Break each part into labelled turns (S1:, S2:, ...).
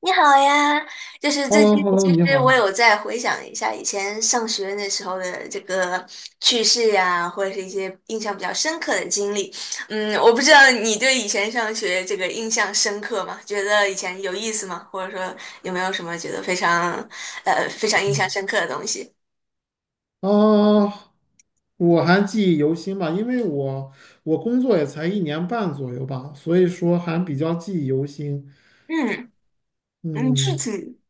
S1: 你好呀，就是
S2: h e l l
S1: 最
S2: o
S1: 近
S2: h e l l o
S1: 其
S2: 你
S1: 实我
S2: 好。
S1: 有在回想一下以前上学那时候的这个趣事呀，或者是一些印象比较深刻的经历。嗯，我不知道你对以前上学这个印象深刻吗？觉得以前有意思吗？或者说有没有什么觉得非常非常印象
S2: 嗯，
S1: 深刻的东西？
S2: 啊，我还记忆犹新吧，因为我工作也才1年半左右吧，所以说还比较记忆犹新。
S1: 嗯嗯，
S2: 嗯，
S1: 具体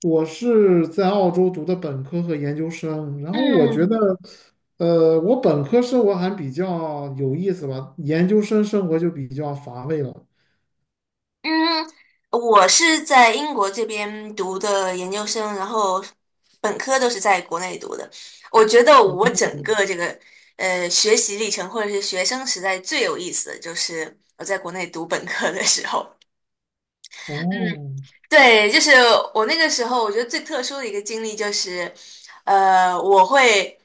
S2: 我是在澳洲读的本科和研究生，然后我觉得，
S1: 嗯。
S2: 我本科生活还比较有意思吧，研究生生活就比较乏味了。
S1: 嗯，我是在英国这边读的研究生，然后本科都是在国内读的。我觉得我整个这个学习历程或者是学生时代最有意思的就是我在国内读本科的时候。嗯，
S2: 哦，
S1: 对，就是我那个时候，我觉得最特殊的一个经历就是，我会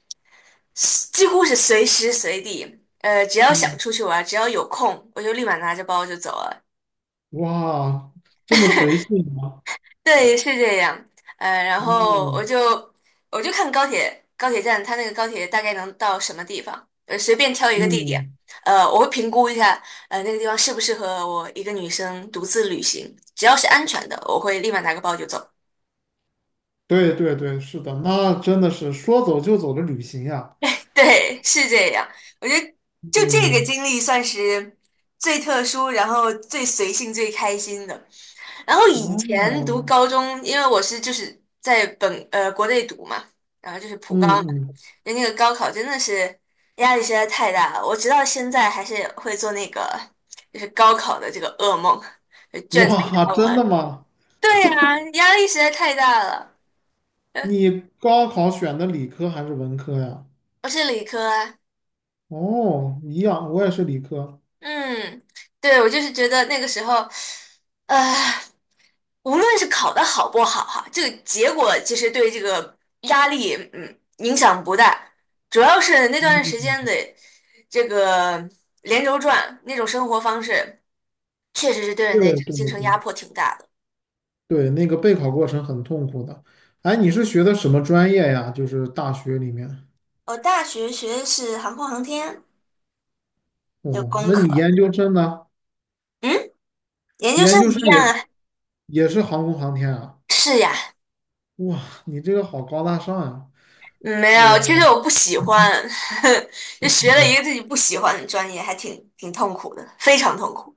S1: 几乎是随时随地，只要想
S2: 嗯，
S1: 出去玩，只要有空，我就立马拿着包就走了。
S2: 哇，这么随性吗？
S1: 对，是这样。然后我
S2: 嗯
S1: 就我就看高铁站，它那个高铁大概能到什么地方，随便挑一个地点，
S2: 嗯。
S1: 我会评估一下，那个地方适不适合我一个女生独自旅行。只要是安全的，我会立马拿个包就走。
S2: 对对对，是的，那真的是说走就走的旅行呀。
S1: 对，是这样。我觉得就这个
S2: 嗯，
S1: 经历算是最特殊，然后最随性、最开心的。然后以前读
S2: 哦，
S1: 高中，因为我是就是在国内读嘛，然后就是普高
S2: 嗯
S1: 嘛，
S2: 嗯，
S1: 就那个高考真的是压力实在太大了，我直到现在还是会做那个就是高考的这个噩梦，就卷子没
S2: 哇，
S1: 答
S2: 真
S1: 完。
S2: 的吗？
S1: 对呀，压力实在太大了。呃，
S2: 你高考选的理科还是文科呀？
S1: 我是理科啊，
S2: 哦，一样，我也是理科。
S1: 嗯，对，我就是觉得那个时候，呃。无论是考得好不好哈，这个结果其实对这个压力影响不大，主要是那段时间的这个连轴转那种生活方式，确实是对人
S2: 对
S1: 的这个
S2: 对
S1: 精
S2: 对
S1: 神
S2: 对，
S1: 压迫挺大的。
S2: 对那个备考过程很痛苦的。哎，你是学的什么专业呀？就是大学里面。
S1: 我大学学的是航空航天，有
S2: 哦，
S1: 工
S2: 那
S1: 科，
S2: 你研究生呢？
S1: 嗯，研究
S2: 研
S1: 生
S2: 究
S1: 一
S2: 生
S1: 样
S2: 也
S1: 啊，
S2: 也是航空航天啊？
S1: 是呀，
S2: 哇，你这个好高大上呀！
S1: 嗯没有，其实
S2: 我。
S1: 我不喜欢，就学了一个自己不喜欢的专业，还挺痛苦的，非常痛苦。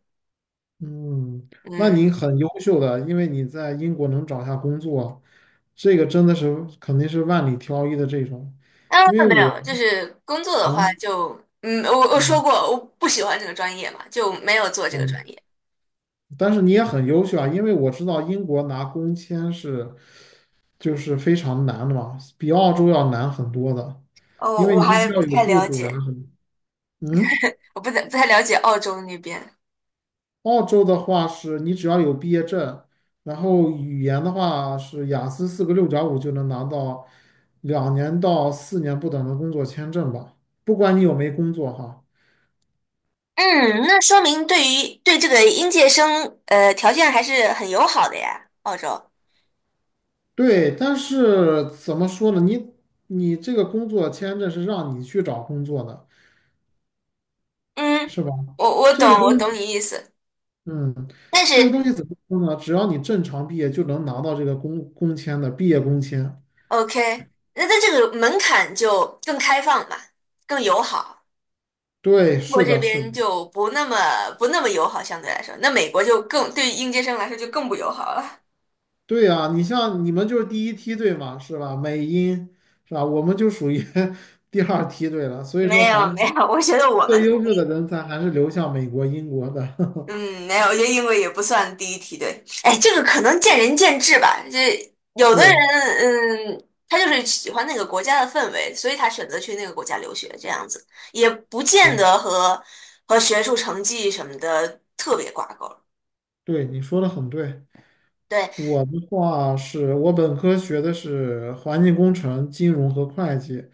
S2: 嗯，那你
S1: 嗯。
S2: 很优秀的，因为你在英国能找下工作，这个真的是肯定是万里挑一的这种。
S1: 啊，
S2: 因为
S1: 没
S2: 我
S1: 有，就是工作的话
S2: 啊，
S1: 就，嗯，我说
S2: 嗯
S1: 过我不喜欢这个专业嘛，就没有做这个专
S2: 嗯，
S1: 业。
S2: 但是你也很优秀啊，因为我知道英国拿工签是就是非常难的嘛，比澳洲要难很多的，
S1: 哦，
S2: 因为
S1: 我
S2: 你必须
S1: 还
S2: 要
S1: 不
S2: 有
S1: 太
S2: 雇
S1: 了
S2: 主啊
S1: 解，
S2: 什么。嗯。
S1: 我不太了解澳洲那边。
S2: 澳洲的话是你只要有毕业证，然后语言的话是雅思四个6.5就能拿到2年到4年不等的工作签证吧，不管你有没工作哈。
S1: 嗯，那说明对于对这个应届生，条件还是很友好的呀，澳洲。
S2: 对，但是怎么说呢？你这个工作签证是让你去找工作的，
S1: 嗯，
S2: 是吧？
S1: 我
S2: 这个
S1: 懂，我
S2: 东
S1: 懂
S2: 西，
S1: 你意思。
S2: 嗯，
S1: 但是
S2: 这个东西怎么说呢？只要你正常毕业就能拿到这个工签的毕业工签。
S1: ，OK，那它这个门槛就更开放嘛，更友好。
S2: 对，
S1: 中国
S2: 是
S1: 这
S2: 的，是的。
S1: 边就不那么友好，相对来说，那美国就更对于应届生来说就更不友好了。
S2: 对呀，你像你们就是第一梯队嘛，是吧？美英是吧？我们就属于 第二梯队了，所以
S1: 没
S2: 说
S1: 有
S2: 还
S1: 没有，我觉 得我们
S2: 最优秀的人才还是流向美国、英国的。
S1: 嗯没有，我觉得英国也不算第一梯队。哎，这个可能见仁见智吧。这有的
S2: 对
S1: 人嗯，他就是喜欢那个国家的氛围，所以他选择去那个国家留学，这样子也不见
S2: 对
S1: 得和学术成绩什么的特别挂钩。
S2: 对，你说的很对。
S1: 对，
S2: 我的话是我本科学的是环境工程、金融和会计，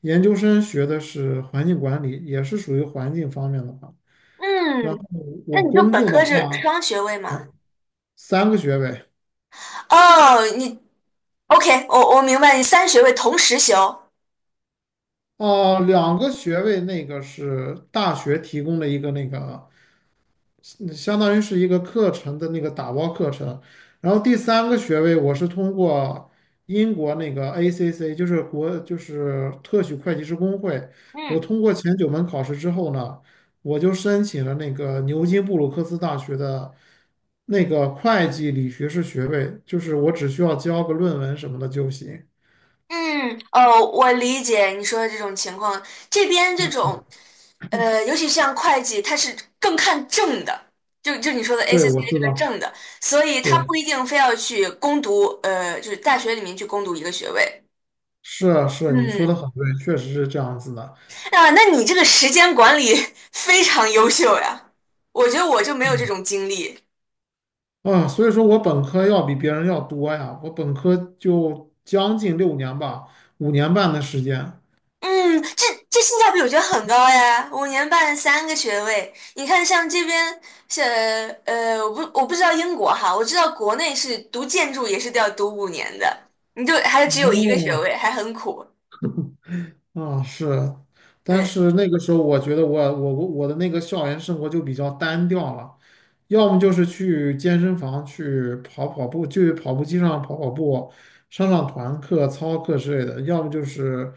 S2: 研究生学的是环境管理，也是属于环境方面的吧。然后
S1: 嗯，那
S2: 我
S1: 你就
S2: 工
S1: 本
S2: 作的
S1: 科是
S2: 话，
S1: 双学位嘛？
S2: 三个学位。
S1: 哦，你。OK，我明白你3学位同时修。
S2: 哦，两个学位，那个是大学提供的一个那个，嗯相当于是一个课程的那个打包课程。然后第三个学位，我是通过英国那个 ACC,就是国就是特许会计师工会，我
S1: 嗯，
S2: 通过前九门考试之后呢，我就申请了那个牛津布鲁克斯大学的那个会计理学士学位，就是我只需要交个论文什么的就行。
S1: 嗯，哦，我理解你说的这种情况。这边这种，尤其像会计，它是更看证的，就你说的
S2: 对，我
S1: ACCA
S2: 知
S1: 这个
S2: 道，
S1: 证的，所以他
S2: 对。
S1: 不一定非要去攻读，就是大学里面去攻读一个学位。
S2: 是啊是啊，你说的
S1: 嗯，
S2: 很对，确实是这样子的。
S1: 啊，那你这个时间管理 非常优秀呀，我觉得我就没有这
S2: 嗯，
S1: 种经历。
S2: 啊，所以说我本科要比别人要多呀，我本科就将近6年吧，5年半的时间。
S1: 嗯，这性价比我觉得很高呀，5年半3个学位。你看，像这边，像我不知道英国哈，我知道国内是读建筑也是都要读五年的，你就还只有一个学
S2: 哦，
S1: 位，还很苦。
S2: 啊，是，但
S1: 对，
S2: 是那个时候我觉得我的那个校园生活就比较单调了，要么就是去健身房去跑跑步，去跑步机上跑跑步，上上团课、操课之类的，要么就是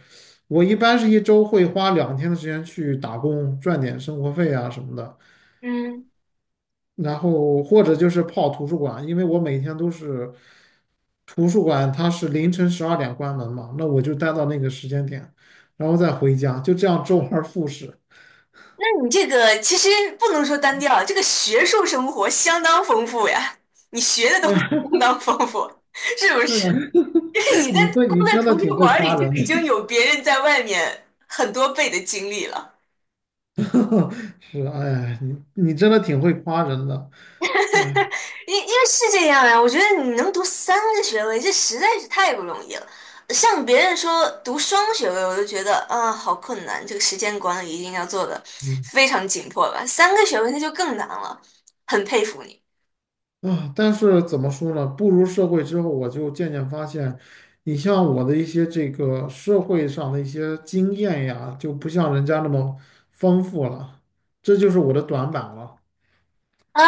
S2: 我一般是一周会花2天的时间去打工，赚点生活费啊什么的。
S1: 嗯，
S2: 然后或者就是泡图书馆，因为我每天都是图书馆，它是凌晨12点关门嘛，那我就待到那个时间点，然后再回家，就这样周而复始
S1: 那你这个其实不能说单调，这个学术生活相当丰富呀，你学的
S2: 哎
S1: 东西
S2: 呀
S1: 相当丰富，是不
S2: 对
S1: 是？
S2: 啊，
S1: 就是 你在光
S2: 你
S1: 在
S2: 真的
S1: 图书
S2: 挺会
S1: 馆里
S2: 夸
S1: 就
S2: 人
S1: 已
S2: 的，
S1: 经有别人在外面很多倍的经历了。
S2: 是，哎呀你真的挺会夸人的，哎，
S1: 因为是这样呀，我觉得你能读三个学位，这实在是太不容易了。像别人说读双学位，我就觉得啊，好困难，这个时间管理一定要做的
S2: 嗯，
S1: 非常紧迫吧。三个学位那就更难了，很佩服你。
S2: 啊，但是怎么说呢？步入社会之后，我就渐渐发现，你像我的一些这个社会上的一些经验呀，就不像人家那么丰富了，这就是我的短板了。
S1: 啊，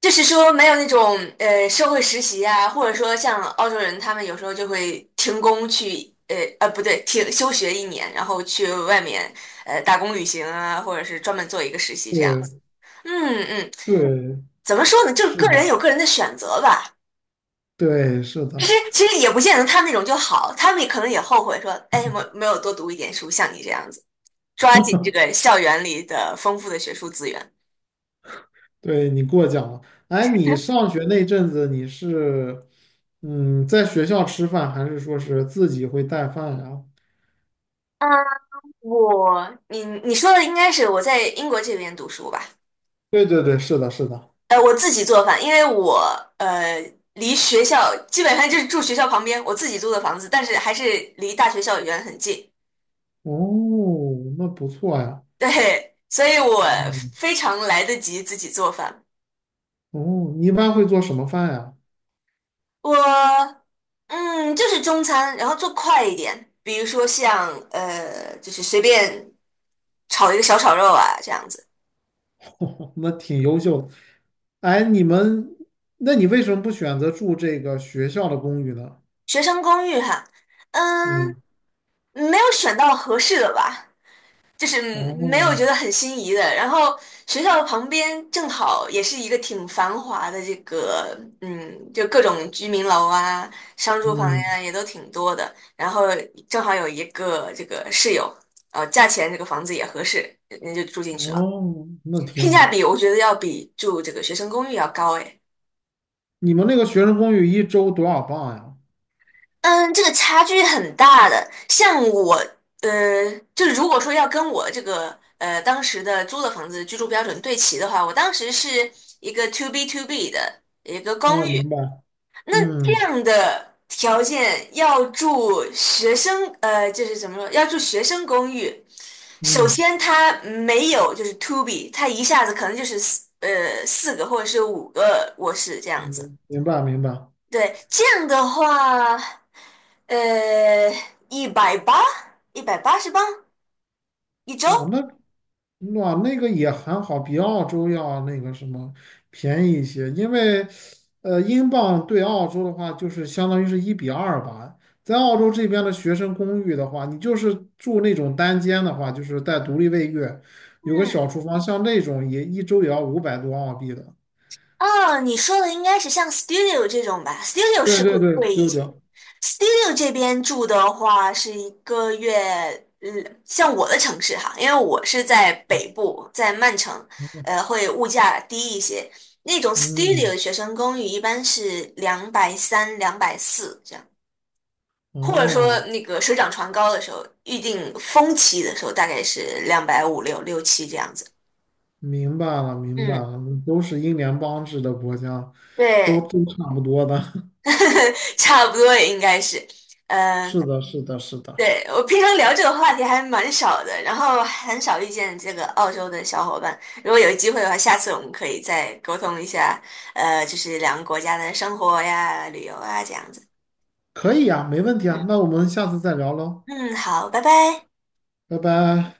S1: 就是说没有那种社会实习啊，或者说像澳洲人，他们有时候就会停工去不对，停休学一年，然后去外面打工旅行啊，或者是专门做一个实习这样
S2: 对
S1: 子。嗯嗯，
S2: 对，
S1: 怎么说呢？就是
S2: 是
S1: 个人
S2: 的，
S1: 有个人的选择吧。
S2: 对是
S1: 其实
S2: 的，
S1: 其实也不见得他那种就好，他们也可能也后悔说，哎，没有多读一点书，像你这样子，抓紧这个校园里的丰富的学术资源。
S2: 对你过奖了。哎，你上学那阵子，你是在学校吃饭，还是说是自己会带饭呀？
S1: 嗯，你说的应该是我在英国这边读书吧？
S2: 对对对，是的，是的。
S1: 我自己做饭，因为我呃离学校基本上就是住学校旁边，我自己租的房子，但是还是离大学校园很近，
S2: 哦，那不错呀。
S1: 对，所以我
S2: 嗯。
S1: 非常来得及自己做饭。
S2: 哦，你一般会做什么饭呀？
S1: 我嗯，就是中餐，然后做快一点，比如说像就是随便炒一个小炒肉啊这样子。
S2: 那挺优秀的。哎，你们，那你为什么不选择住这个学校的公寓呢？
S1: 学生公寓哈，嗯，
S2: 嗯，
S1: 没有选到合适的吧。就是没有
S2: 哦，
S1: 觉得很心仪的。然后学校旁边正好也是一个挺繁华的这个，嗯，就各种居民楼啊、商住房
S2: 嗯，
S1: 呀、也都挺多的。然后正好有一个这个室友，价钱这个房子也合适，人家就住进去了，
S2: 哦，那挺
S1: 性价
S2: 好。
S1: 比我觉得要比住这个学生公寓要高诶。
S2: 你们那个学生公寓一周多少磅呀？
S1: 嗯，这个差距很大的。像我，就如果说要跟我这个当时的租的房子居住标准对齐的话，我当时是一个 to B 的一个公
S2: 哦，
S1: 寓。
S2: 明白。
S1: 那这
S2: 嗯
S1: 样的条件要住学生，就是怎么说，要住学生公寓，首
S2: 嗯
S1: 先它没有就是 to B，它一下子可能就是4个或者是5个卧室这样子。
S2: 嗯，明白明白。
S1: 对，这样的话，呃，一百八，180磅1周。
S2: 哇，那个也还好，比澳洲要那个什么便宜一些，因为英镑对澳洲的话就是相当于是1:2吧。在澳洲这边的学生公寓的话，你就是住那种单间的话，就是带独立卫浴，有个
S1: 嗯，
S2: 小厨房，像那种也一周也要500多澳币的。
S1: 啊，你说的应该是像 studio 这种吧？studio
S2: 对
S1: 是会
S2: 对对
S1: 贵一
S2: 对对，
S1: 些。studio 这边住的话是一个月，嗯，像我的城市哈，因为我是在北部，在曼城，会物价低一些。那种 studio 的
S2: 嗯，
S1: 学生公寓一般是230、240或者说
S2: 哦，
S1: 那个水涨船高的时候，预定峰期的时候大概是两百五六六七这样子。
S2: 明白了明白
S1: 嗯，
S2: 了，都是英联邦制的国家，都
S1: 对，
S2: 都差不多的。
S1: 差不多也应该是。嗯、
S2: 是的，是的，是的。
S1: 对，我平常聊这个话题还蛮少的，然后很少遇见这个澳洲的小伙伴。如果有机会的话，下次我们可以再沟通一下，就是2个国家的生活呀、旅游啊这样子。
S2: 可以呀，没问题
S1: 嗯
S2: 啊，那我们下次再聊喽，
S1: 嗯，好，拜拜。
S2: 拜拜。